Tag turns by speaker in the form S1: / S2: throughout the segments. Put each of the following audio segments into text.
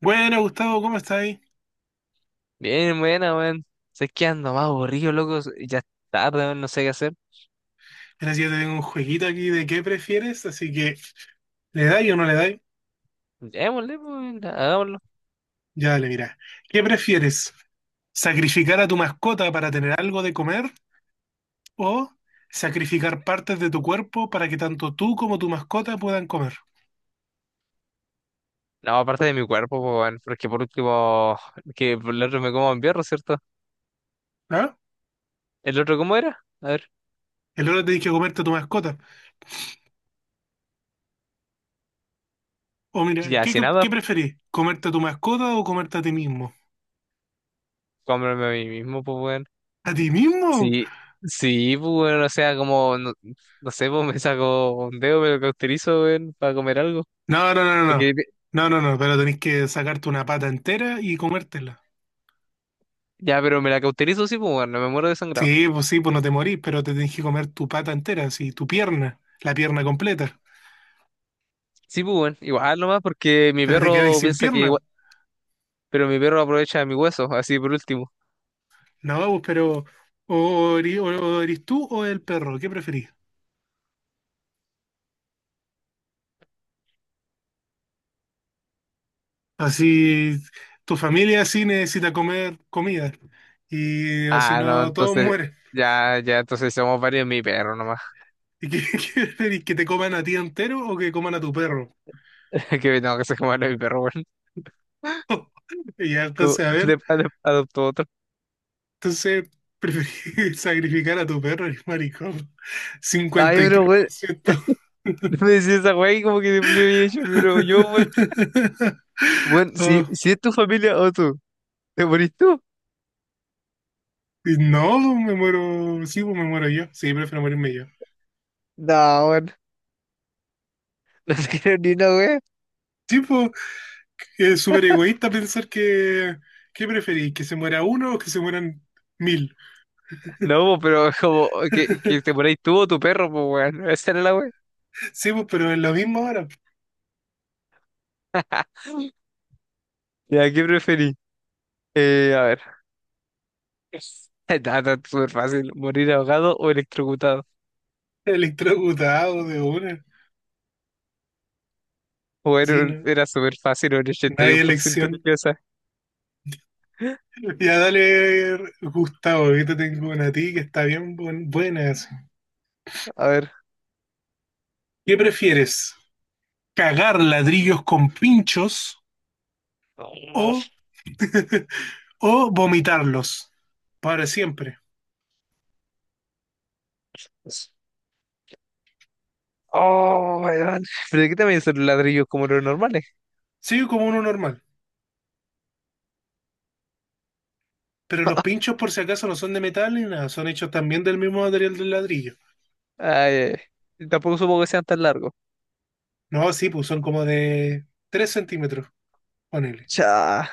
S1: Bueno, Gustavo, ¿cómo estáis?
S2: Bien, buena, weón. Sé que ando más aburrido, loco. Ya es tarde, weón, no sé qué hacer.
S1: Mira, si yo te tengo un jueguito aquí de qué prefieres, así que ¿le dais o no le dais?
S2: Démosle, pues, weón, hagámoslo.
S1: Ya dale, mira. ¿Qué prefieres? ¿Sacrificar a tu mascota para tener algo de comer o sacrificar partes de tu cuerpo para que tanto tú como tu mascota puedan comer?
S2: No, aparte de mi cuerpo, pues, weón, porque por último, que por el otro me como en perro, ¿cierto?
S1: ¿Ah?
S2: ¿El otro cómo era? A ver,
S1: El otro te dije comerte a tu mascota. O mira,
S2: ya,
S1: ¿qué,
S2: si nada,
S1: qué preferís? ¿Comerte a tu mascota o comerte a ti mismo?
S2: cómprame a mí mismo, pues, weón.
S1: ¿A ti mismo?
S2: Sí, sí, pues, weón, o sea, como, no, no sé, pues, me saco un dedo, me lo cauterizo, weón, para comer algo.
S1: No, no, no,
S2: Porque,
S1: no. No, no, no, no, pero tenés que sacarte una pata entera y comértela.
S2: ya, pero me la cauterizo, sí, pues, weón, no me muero de sangrado.
S1: Sí, pues no te morís, pero te tenés que comer tu pata entera, sí, tu pierna, la pierna completa.
S2: Sí, pues, bueno, igual nomás porque mi
S1: Pero te quedáis
S2: perro
S1: sin
S2: piensa que
S1: pierna.
S2: igual- Pero mi perro aprovecha de mi hueso, así por último.
S1: No, pues, pero o tú o el perro, ¿qué preferís? Así, tu familia sí necesita comer comida. Y o si
S2: Ah, no,
S1: no, todos
S2: entonces,
S1: mueren.
S2: ya, ya, entonces somos varios de mi perro nomás.
S1: ¿Y qué, qué preferís? ¿Que te coman a ti entero o que coman a tu perro?
S2: Que tengo que sacar de mi perro, weón.
S1: Y ya,
S2: Como,
S1: entonces, a ver,
S2: adoptó otro.
S1: entonces preferís sacrificar a tu perro, eres maricón.
S2: Ay,
S1: cincuenta y tres
S2: pero, weón,
S1: por ciento.
S2: no me decís esa weá y como que yo había hecho, pero yo, weón. Weón, si,
S1: Ah,
S2: si es tu familia o tú, ¿te morís tú?
S1: y no, no, me muero, sí, pues me muero yo. Sí, prefiero morirme yo.
S2: No, weón, no te creo ni una weá.
S1: Sí, pues, es súper egoísta pensar que, ¿qué preferís? ¿Que se muera uno o que se mueran mil?
S2: No, po, pero es como que te morís tú o tu perro, pues, weón. Esa era la weá.
S1: Sí, pues, pero es lo mismo ahora, pues.
S2: Ya, ¿qué preferís? A ver. Nada, súper fácil, morir ahogado o electrocutado.
S1: Electrocutado de una.
S2: Bueno,
S1: Sí,
S2: era
S1: no.
S2: era súper fácil, un
S1: No hay
S2: 81%
S1: elección.
S2: limpieza.
S1: Ya dale, Gustavo, ahorita tengo una a ti que está bien buena, así.
S2: A ver.
S1: ¿Qué prefieres? ¿Cagar ladrillos con pinchos
S2: Oh,
S1: o o vomitarlos para siempre?
S2: oh, weón. ¿Pero qué también son ladrillos como los normales?
S1: Sigue como uno normal. Pero los pinchos, por si acaso, no son de metal ni nada. Son hechos también del mismo material del ladrillo.
S2: Ay, ay, tampoco supongo que sean tan largos.
S1: No, sí, pues son como de 3 centímetros, ponele.
S2: Cha.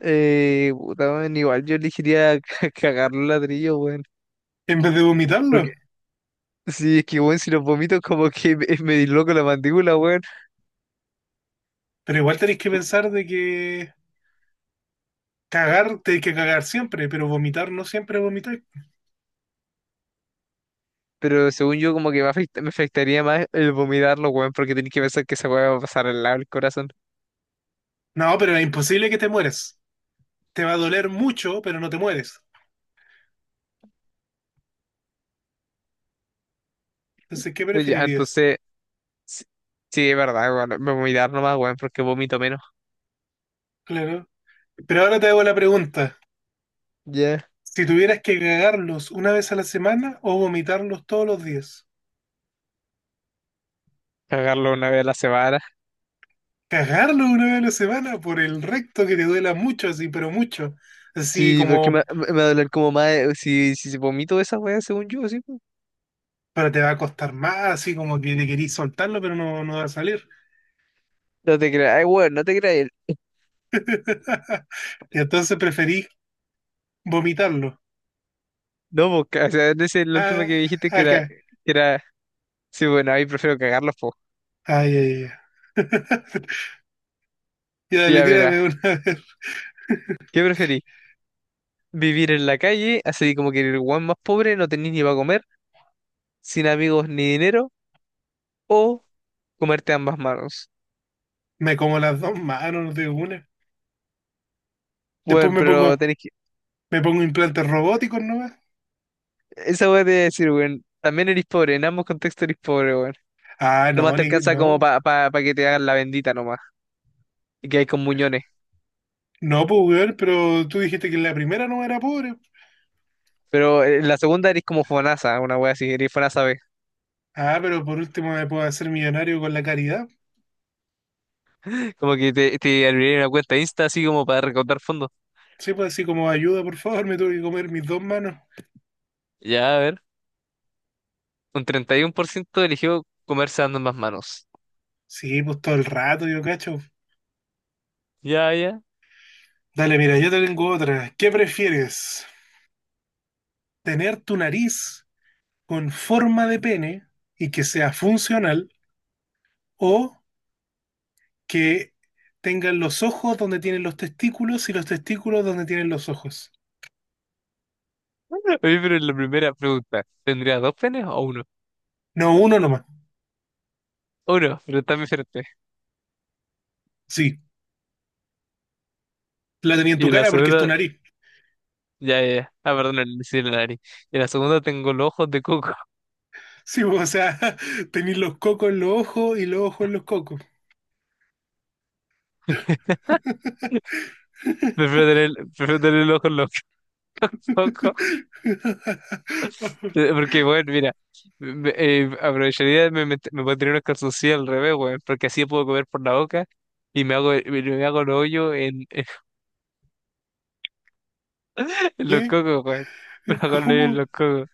S2: Puta, weón, igual yo elegiría cagar los ladrillos, weón.
S1: En vez de vomitarlo.
S2: Porque sí es que, weón, si los vomito, como que me disloco la mandíbula, weón.
S1: Pero igual tenéis que pensar de que cagar, tenéis que cagar siempre. Pero vomitar no siempre vomitar.
S2: Pero según yo, como que me afectaría más el vomitarlo, weón, porque tenés que pensar que esa weá va a pasar al lado del corazón.
S1: No, pero es imposible que te mueras. Te va a doler mucho, pero no te mueres. Entonces, ¿qué
S2: Pues ya,
S1: preferirías?
S2: entonces sí, sí, es verdad, bueno, me voy a dar nomás, weón, porque vomito menos.
S1: Claro. Pero ahora te hago la pregunta.
S2: Ya.
S1: Si tuvieras que cagarlos una vez a la semana o vomitarlos todos los días.
S2: Cagarlo una vez a la semana.
S1: Cagarlos una vez a la semana por el recto que te duela mucho, así, pero mucho. Así
S2: Sí, pero es que
S1: como,
S2: me va a doler como más si vomito esa weá, según yo, sí, po.
S1: pero te va a costar más, así como que te querís soltarlo, pero no va a salir.
S2: No te creas, ay, weón, no te creas.
S1: Y entonces preferís vomitarlo.
S2: No, porque, o sea, ese es el último
S1: Ah,
S2: que dijiste que era,
S1: acá.
S2: que era, sí, bueno, ahí prefiero cagarlos, po.
S1: Ay, ay, ay. Ya, dale,
S2: Ya verás,
S1: tírame una vez.
S2: ¿qué preferís? ¿Vivir en la calle, así como que el weón más pobre, no tenés ni para comer, sin amigos ni dinero, o comerte ambas manos?
S1: Me como las dos manos de una. Después
S2: Bueno,
S1: me
S2: pero
S1: pongo,
S2: tenés que...
S1: me pongo implantes robóticos nomás.
S2: Esa voy a decir, weón. También eres pobre, en ambos contextos eres pobre, weón.
S1: Ah, no,
S2: Tomás te
S1: ni,
S2: alcanza
S1: no.
S2: como para pa que te hagan la bendita nomás. Y que hay con muñones.
S1: No, pues, weón, pero tú dijiste que la primera no era pobre.
S2: Pero en la segunda eres como Fonasa, una wea así, eres Fonasa B.
S1: Ah, pero por último me puedo hacer millonario con la caridad.
S2: Como que te abrirían una cuenta Insta así como para recaudar fondos.
S1: Sí, pues así como ayuda, por favor, me tuve que comer mis dos manos.
S2: Ya, a ver. Un 31% eligió comerse dando más manos.
S1: Sí, pues todo el rato, yo cacho.
S2: Ya, ya.
S1: Dale, mira, yo te tengo otra. ¿Qué prefieres? ¿Tener tu nariz con forma de pene y que sea funcional o que tengan los ojos donde tienen los testículos y los testículos donde tienen los ojos?
S2: Oye, pero en la primera pregunta, ¿tendrías dos penes o uno?
S1: No, uno nomás.
S2: Uno, pero está muy fuerte.
S1: Sí, la tenía en
S2: Y
S1: tu
S2: en la
S1: cara porque es tu
S2: segunda,
S1: nariz.
S2: ya, ya, ya. Ah, perdón, le hice la nariz. Y en la segunda tengo los ojos de coco.
S1: Sí, o sea, tenéis los cocos en los ojos y los ojos en los cocos.
S2: Prefiero tener, prefiero tener el ojo loco, loco. Porque, bueno, mira, aprovecharía, me pondría unos calzoncillos al revés, weón, porque así puedo comer por la boca y me hago el hoyo en, en los
S1: ¿Qué?
S2: cocos, weón. Me hago el hoyo en
S1: ¿Cómo?
S2: los cocos.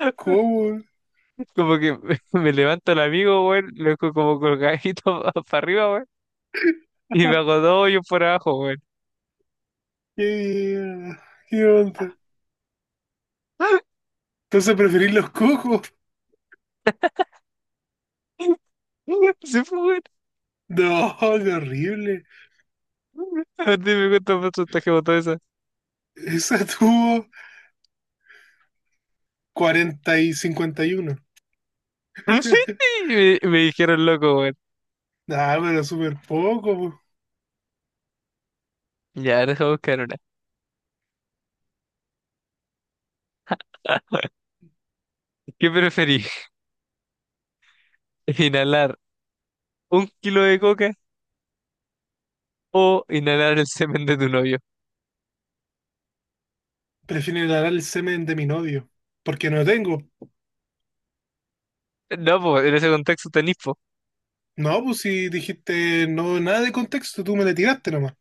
S1: ¿Cómo?
S2: Como que me levanto el amigo, weón, lo dejo como colgadito para arriba, weón, y me hago dos hoyos por abajo, weón.
S1: ¿Qué, qué onda? Entonces preferís los cocos.
S2: Sí, fue, weón.
S1: No, qué horrible.
S2: A ti me gusta más chantaje botón esa.
S1: Esa tuvo 40 y 51.
S2: Y me dijeron loco.
S1: Nah, pero súper poco, po.
S2: Ya, deja buscar una. ¿Qué preferís? ¿Inhalar un kilo de coca o inhalar el semen de tu novio?
S1: Prefiero inhalar el semen de mi novio. Porque no lo tengo.
S2: No, pues en ese contexto tenís, po.
S1: No, pues si dijiste no, nada de contexto, tú me le tiraste nomás.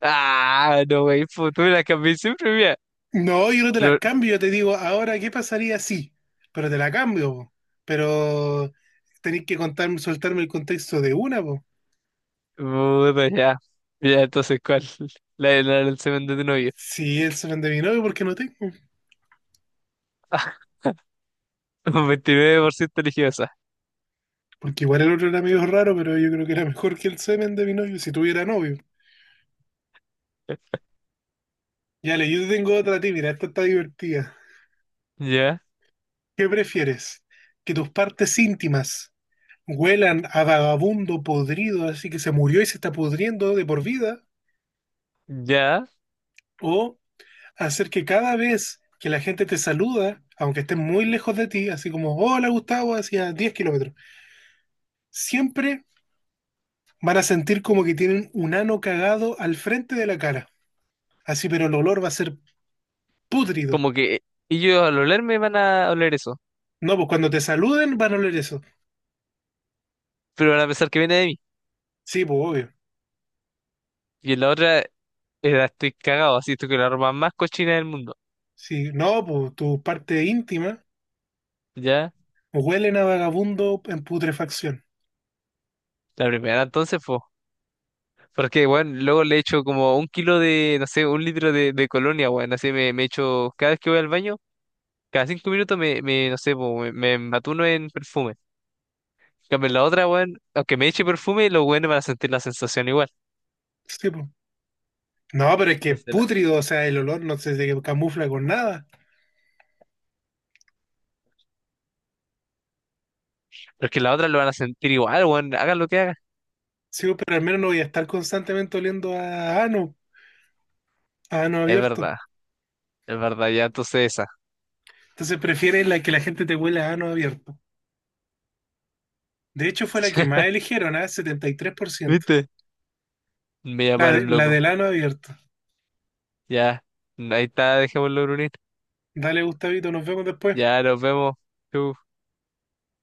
S2: Ah, no, wey, po, tú me la cambié siempre, mira.
S1: No, yo no te las
S2: Pero,
S1: cambio, yo te digo, ahora, ¿qué pasaría si? Pero te la cambio, po. Pero tenéis que contarme, soltarme el contexto de una, po.
S2: puta, ya. Ya, entonces, ¿cuál? La de inhalar el semen de tu novio.
S1: Si el semen de mi novio, ¿por qué no tengo?
S2: Un 29% religiosa.
S1: Porque igual el otro era medio raro, pero yo creo que era mejor que el semen de mi novio, si tuviera novio. Ya le, yo te tengo otra a ti, mira, esta está divertida.
S2: Ya,
S1: ¿Qué prefieres? ¿Que tus partes íntimas huelan a vagabundo podrido, así que se murió y se está pudriendo de por vida?
S2: ya.
S1: ¿O hacer que cada vez que la gente te saluda, aunque esté muy lejos de ti, así como, hola Gustavo, hacia 10 kilómetros, siempre van a sentir como que tienen un ano cagado al frente de la cara? Así, pero el olor va a ser pútrido.
S2: Como que ellos al olerme van a oler eso,
S1: No, pues cuando te saluden van a oler eso.
S2: pero van a pensar que viene de mí.
S1: Sí, pues obvio.
S2: Y en la otra, la estoy cagado, así esto que la ropa más cochina del mundo.
S1: Sí, no, pues tu parte íntima
S2: Ya.
S1: huelen a vagabundo en putrefacción.
S2: La primera entonces, pues. Porque, bueno, luego le echo como un kilo de, no sé, un litro de, colonia, bueno, así me echo, cada vez que voy al baño, cada 5 minutos me, me no sé, po, me matuno en perfume. En cambio, la otra, bueno, aunque me eche perfume, los buenos van a sentir la sensación igual.
S1: Sí, pues. No, pero es que
S2: Entonces,
S1: pútrido, o sea, el olor no se camufla con nada.
S2: porque la otra lo van a sentir igual, bueno, hagan lo que hagan.
S1: Sí, pues, pero al menos no voy a estar constantemente oliendo a ano
S2: Es
S1: abierto.
S2: verdad, es verdad, ya entonces esa.
S1: Entonces prefieren la que la gente te huela a ano abierto. De hecho, fue la que más eligieron, ¿ah? 73%.
S2: ¿Viste? Me
S1: La,
S2: llamaron
S1: la
S2: loco.
S1: del ano abierto.
S2: Ya, ahí está, dejémoslo, Brunito.
S1: Dale, Gustavito, nos vemos después.
S2: Ya, nos vemos. Chau.